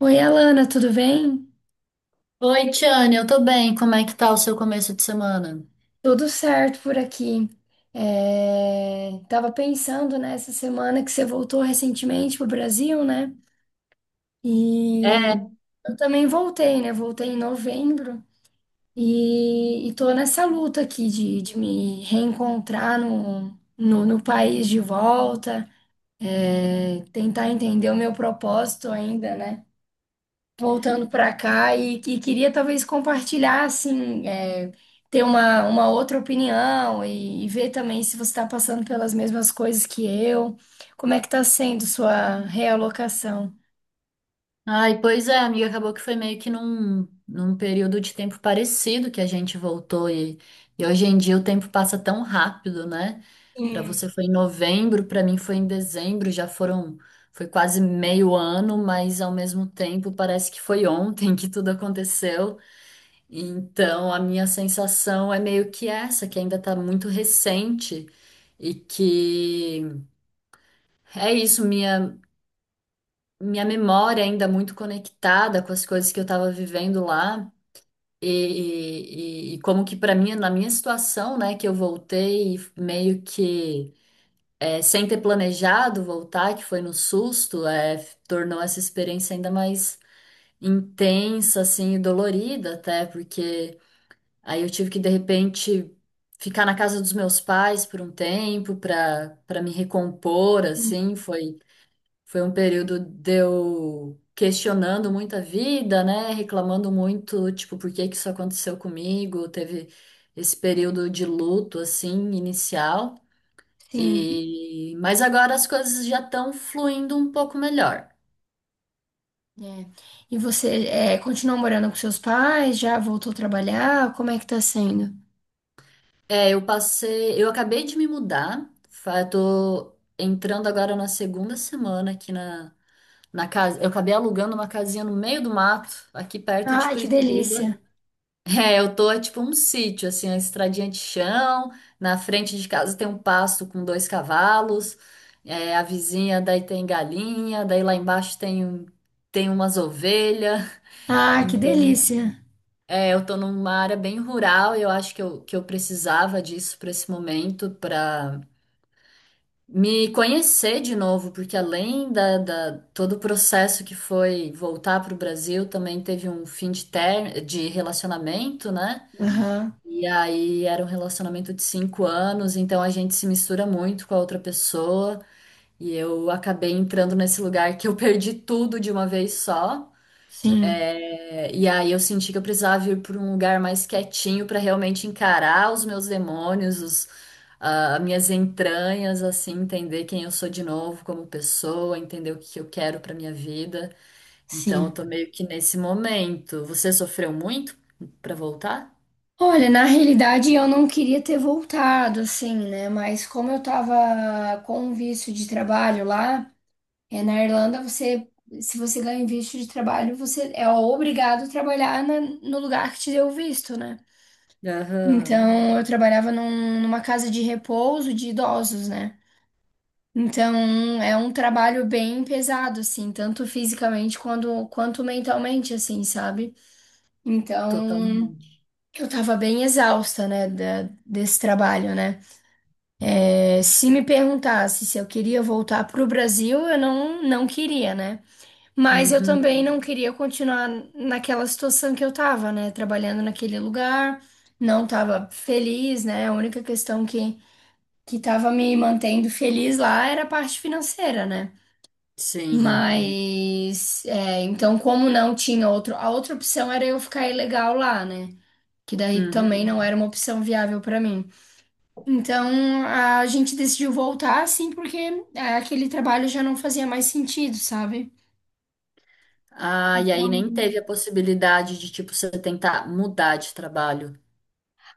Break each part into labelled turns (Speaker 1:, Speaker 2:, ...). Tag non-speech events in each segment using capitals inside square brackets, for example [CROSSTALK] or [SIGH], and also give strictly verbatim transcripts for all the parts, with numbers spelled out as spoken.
Speaker 1: Oi, Alana, tudo bem?
Speaker 2: Oi, Tiane, eu tô bem. Como é que tá o seu começo de semana?
Speaker 1: Tudo certo por aqui. É... Tava pensando nessa semana que você voltou recentemente pro Brasil, né? E
Speaker 2: É.
Speaker 1: eu também voltei, né? Voltei em novembro e, e tô nessa luta aqui de, de me reencontrar no, no, no país de volta, tentar entender o meu propósito ainda, né? Voltando para cá e, que queria talvez compartilhar, assim, é, ter uma, uma outra opinião e, e ver também se você está passando pelas mesmas coisas que eu, como é que está sendo sua realocação.
Speaker 2: Ai, pois é, amiga, acabou que foi meio que num, num período de tempo parecido que a gente voltou e, e hoje em dia o tempo passa tão rápido, né? Pra
Speaker 1: Sim.
Speaker 2: você foi em novembro, pra mim foi em dezembro, já foram, foi quase meio ano, mas ao mesmo tempo parece que foi ontem [LAUGHS] que tudo aconteceu. Então a minha sensação é meio que essa, que ainda tá muito recente. E que É isso, minha, minha memória é ainda muito conectada com as coisas que eu estava vivendo lá. E, e- e como que para mim, na minha situação, né, que eu voltei meio que é, sem ter planejado voltar, que foi no susto, é, f- tornou essa experiência ainda mais intensa, assim, e dolorida até, porque aí eu tive que, de repente, ficar na casa dos meus pais por um tempo para para me recompor, assim. foi Foi um período de eu questionando muito a vida, né? Reclamando muito, tipo, por que que isso aconteceu comigo? Teve esse período de luto, assim, inicial.
Speaker 1: Sim.
Speaker 2: E... Mas agora as coisas já estão fluindo um pouco melhor.
Speaker 1: É. E você é, continua morando com seus pais? Já voltou a trabalhar? Como é que tá sendo?
Speaker 2: É, eu passei, eu acabei de me mudar, fa- eu tô entrando agora na segunda semana aqui na, na casa. Eu acabei alugando uma casinha no meio do mato, aqui perto de
Speaker 1: Ah, que
Speaker 2: Curitiba.
Speaker 1: delícia!
Speaker 2: É, eu tô é tipo um sítio, assim, a estradinha de chão. Na frente de casa tem um pasto com dois cavalos. é, a vizinha daí tem galinha, daí lá embaixo tem, um- tem umas ovelhas.
Speaker 1: Ah, que
Speaker 2: Então,
Speaker 1: delícia!
Speaker 2: é, eu tô numa área bem rural e eu acho que eu, que eu precisava disso para esse momento, para me conhecer de novo, porque além da, da- todo o processo que foi voltar para o Brasil, também teve um fim de ter, de relacionamento, né?
Speaker 1: Aham.
Speaker 2: E aí era um relacionamento de cinco anos, então a gente se mistura muito com a outra pessoa. E eu acabei entrando nesse lugar que eu [LAUGHS] perdi tudo de uma vez só.
Speaker 1: Sim,
Speaker 2: É, E aí eu senti que eu precisava ir para um lugar mais quietinho para realmente encarar os meus demônios, os, ah, minhas entranhas, assim, entender quem eu sou de novo como pessoa, entender o que que eu quero para minha vida. Então eu
Speaker 1: sim.
Speaker 2: tô meio que nesse momento. Você sofreu muito para voltar?
Speaker 1: Olha, na realidade eu não queria ter voltado, assim, né? Mas como eu tava com visto de trabalho lá, é, na Irlanda você, se você ganha um visto de trabalho, você é obrigado a trabalhar na- no lugar que te deu o visto, né?
Speaker 2: Aham,
Speaker 1: Então eu trabalhava num- numa casa de repouso de idosos, né? Então é um trabalho bem pesado, assim, tanto fisicamente quanto, quanto mentalmente, assim, sabe? Então
Speaker 2: totalmente.
Speaker 1: eu tava bem exausta, né, da- desse trabalho, né? É. Se me perguntasse se eu queria voltar para o Brasil, eu não, não queria, né? Mas eu
Speaker 2: Uhum,
Speaker 1: também não queria continuar naquela situação que eu tava, né? Trabalhando naquele lugar, não tava feliz, né? A única questão que, que tava me mantendo feliz lá era a parte financeira, né?
Speaker 2: sim.
Speaker 1: Mas, é, então, como não tinha outro, a outra opção era eu ficar ilegal lá, né? Que daí também
Speaker 2: Uhum.
Speaker 1: não era uma opção viável para mim. Então, a gente decidiu voltar, assim, porque é, aquele trabalho já não fazia mais sentido, sabe?
Speaker 2: Ah, e aí nem teve a possibilidade de, tipo, você tentar mudar de trabalho.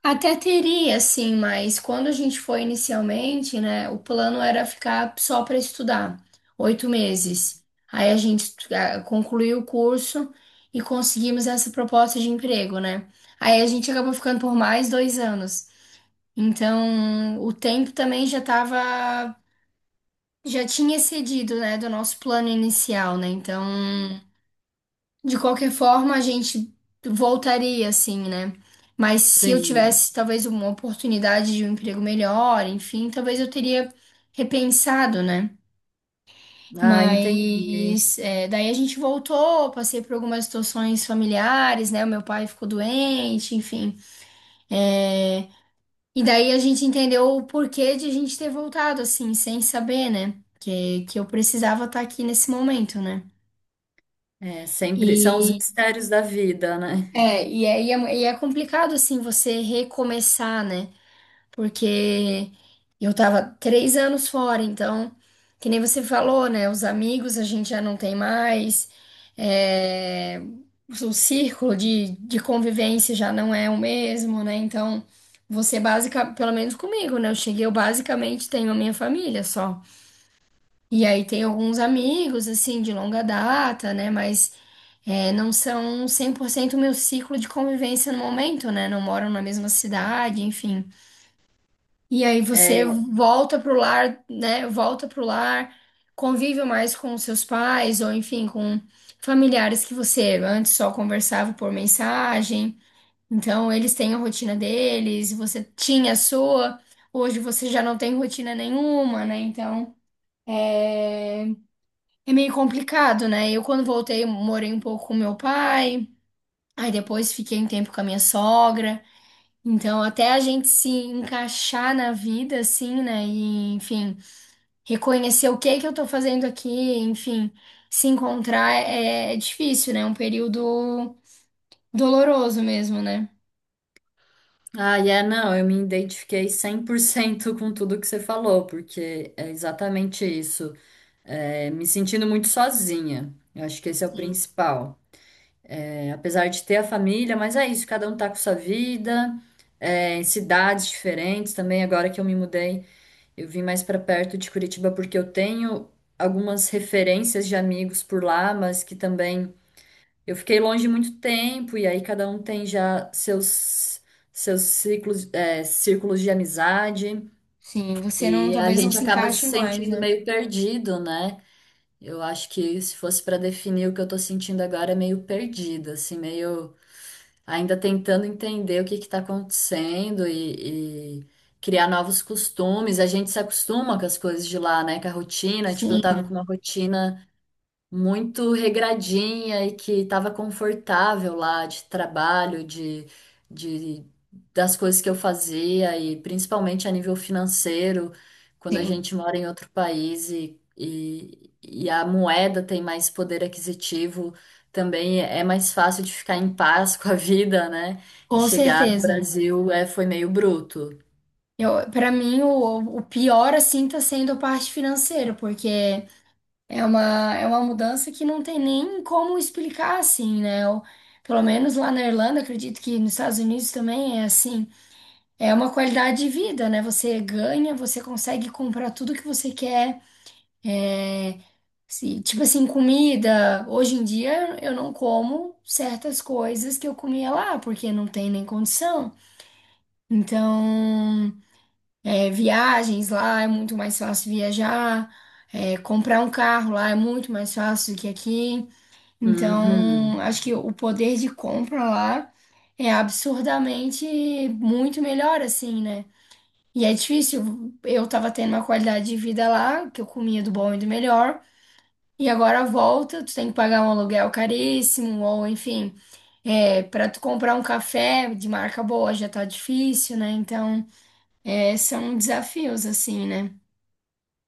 Speaker 1: Até teria, assim, mas quando a gente foi inicialmente, né, o plano era ficar só para estudar, oito meses. Aí a gente ah, concluiu o curso e conseguimos essa proposta de emprego, né? Aí a gente acabou ficando por mais dois anos. Então, o tempo também já tava, já tinha excedido, né, do nosso plano inicial, né? Então. De qualquer forma, a gente voltaria, assim, né? Mas se eu
Speaker 2: Sim.
Speaker 1: tivesse, talvez, uma oportunidade de um emprego melhor, enfim, talvez eu teria repensado, né?
Speaker 2: Ah, entendi.
Speaker 1: Mas é, daí a gente voltou, passei por algumas situações familiares, né? O meu pai ficou doente, enfim. É, e daí a gente entendeu o porquê de a gente ter voltado, assim, sem saber, né? Que, que eu precisava estar aqui nesse momento, né?
Speaker 2: É, sempre são os mistérios da vida, né?
Speaker 1: É, e é, e é, e é complicado, assim, você recomeçar, né? Porque eu tava três anos fora, então, que nem você falou, né? Os amigos a gente já não tem mais, é, o círculo de, de convivência já não é o mesmo, né? Então, você básica, pelo menos comigo, né? Eu cheguei, eu basicamente tenho a minha família só. E aí tem alguns amigos, assim, de longa data, né? Mas. É, não são cem por cento o meu ciclo de convivência no momento, né? Não moram na mesma cidade, enfim. E aí
Speaker 2: É,
Speaker 1: você
Speaker 2: eu...
Speaker 1: volta pro lar, né? Volta pro lar, convive mais com os seus pais, ou enfim, com familiares que você antes só conversava por mensagem. Então, eles têm a rotina deles, você tinha a sua, hoje você já não tem rotina nenhuma, né? Então. É, é meio complicado, né? Eu, quando voltei, morei um pouco com meu pai. Aí depois fiquei um tempo com a minha sogra. Então, até a gente se encaixar na vida, assim, né? E, enfim, reconhecer o que que eu tô fazendo aqui, enfim, se encontrar é, é difícil, né? É um período doloroso mesmo, né?
Speaker 2: Ah, e é, não, eu me identifiquei cem por cento com tudo que você falou, porque é exatamente isso. É, me sentindo muito sozinha. Eu acho que esse é o principal. É, apesar de ter a família, mas é isso, cada um tá com sua vida, é, em cidades diferentes também, agora que eu me mudei. Eu vim mais para perto de Curitiba porque eu tenho algumas referências de amigos por lá, mas que também eu fiquei longe muito tempo e aí cada um tem já seus seus ciclos, é, círculos de amizade
Speaker 1: Sim, você não,
Speaker 2: e a
Speaker 1: talvez não
Speaker 2: gente
Speaker 1: se
Speaker 2: acaba se
Speaker 1: encaixe mais,
Speaker 2: sentindo
Speaker 1: né?
Speaker 2: meio perdido, né? Eu acho que se fosse para definir o que eu tô sentindo agora é meio perdida, assim, meio ainda tentando entender o que está acontecendo e, e criar novos costumes. A gente se acostuma com as coisas de lá, né? Com a rotina. Tipo, eu
Speaker 1: Sim,
Speaker 2: tava com uma rotina muito regradinha e que estava confortável lá de trabalho, de, de das coisas que eu fazia e principalmente a nível financeiro, quando a
Speaker 1: sim,
Speaker 2: gente mora em outro país e, e, e a moeda tem mais poder aquisitivo, também é mais fácil de ficar em paz com a vida, né? E
Speaker 1: com
Speaker 2: chegar no
Speaker 1: certeza.
Speaker 2: Brasil é, foi meio bruto.
Speaker 1: Eu, para mim, o, o pior, assim, tá sendo a parte financeira, porque. É uma, é uma mudança que não tem nem como explicar assim, né? Eu- pelo menos lá na Irlanda, acredito que nos Estados Unidos também é assim. É uma qualidade de vida, né? Você ganha, você consegue comprar tudo que você quer. É, se- tipo assim, comida. Hoje em dia eu não como certas coisas que eu comia lá, porque não tem nem condição. Então, é, viagens lá é muito mais fácil viajar. É, comprar um carro lá é muito mais fácil do que aqui.
Speaker 2: Uhum.
Speaker 1: Então, acho que o poder de compra lá é absurdamente muito melhor, assim, né? E é difícil. Eu tava tendo uma qualidade de vida lá, que eu comia do bom e do melhor, e agora volta, tu tem que pagar um aluguel caríssimo, ou enfim, é, para tu comprar um café de marca boa já tá difícil, né? Então, é, são desafios, assim, né?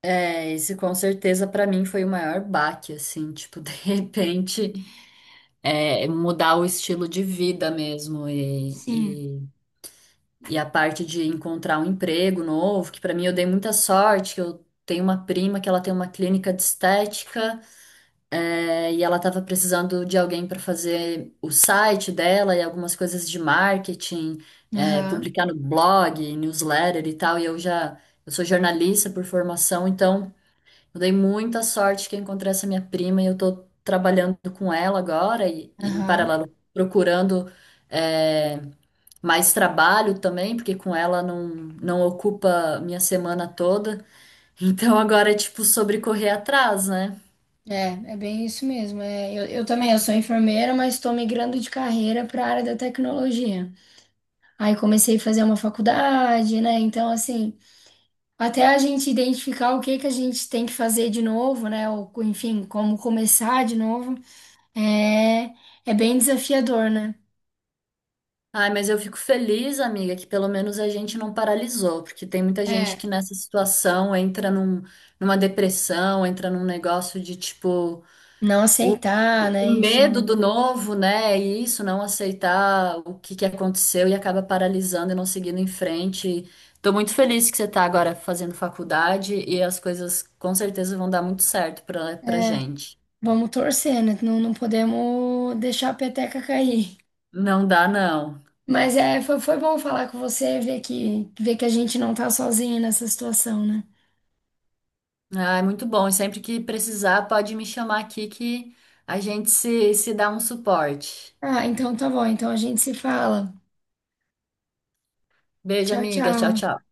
Speaker 2: É, esse com certeza para mim foi o maior baque, assim, tipo, [LAUGHS] de repente. É, mudar o estilo de vida mesmo e,
Speaker 1: Sim.
Speaker 2: e, e a parte de encontrar um emprego novo, que para mim eu dei muita sorte, que eu tenho uma prima que ela tem uma clínica de estética, é, e ela estava precisando de alguém para fazer o site dela e algumas coisas de marketing, é,
Speaker 1: Aham,
Speaker 2: publicar no blog, newsletter e tal, e eu já, eu sou jornalista por formação, então eu dei muita sorte que eu encontrei essa minha prima e eu tô trabalhando com ela agora e, e em
Speaker 1: aham.
Speaker 2: paralelo procurando é, mais trabalho também, porque com ela não, não ocupa minha semana toda. [LAUGHS] Então agora é tipo sobre correr atrás, né?
Speaker 1: É, é bem isso mesmo. É, eu, eu também, eu sou enfermeira, mas estou migrando de carreira para a área da tecnologia. Aí comecei a fazer uma faculdade, né? Então, assim, até a gente identificar o que que a gente tem que fazer de novo, né? Ou, enfim, como começar de novo, é, é bem desafiador, né?
Speaker 2: Ai, mas eu fico feliz, amiga, que pelo menos a gente não paralisou, porque tem muita gente
Speaker 1: É,
Speaker 2: que nessa situação entra num, numa depressão, entra num negócio de tipo.
Speaker 1: não
Speaker 2: O,
Speaker 1: aceitar, né?
Speaker 2: o medo
Speaker 1: Enfim,
Speaker 2: do novo, né? E isso, não aceitar o que que aconteceu e acaba paralisando e não seguindo em frente. Tô muito feliz que você tá agora fazendo faculdade e as coisas com certeza vão dar muito certo pra, pra
Speaker 1: é,
Speaker 2: gente.
Speaker 1: vamos torcer, né? Não, não podemos deixar a peteca cair.
Speaker 2: Não dá, não.
Speaker 1: Mas é, foi, foi bom falar com você, ver que, ver que a gente não tá sozinha nessa situação, né?
Speaker 2: Ah, é muito bom. E sempre que precisar, pode me chamar aqui que a gente se, se dá um suporte.
Speaker 1: Ah, então tá bom. Então a gente se fala.
Speaker 2: Beijo,
Speaker 1: Tchau,
Speaker 2: amiga. Tchau,
Speaker 1: tchau.
Speaker 2: tchau.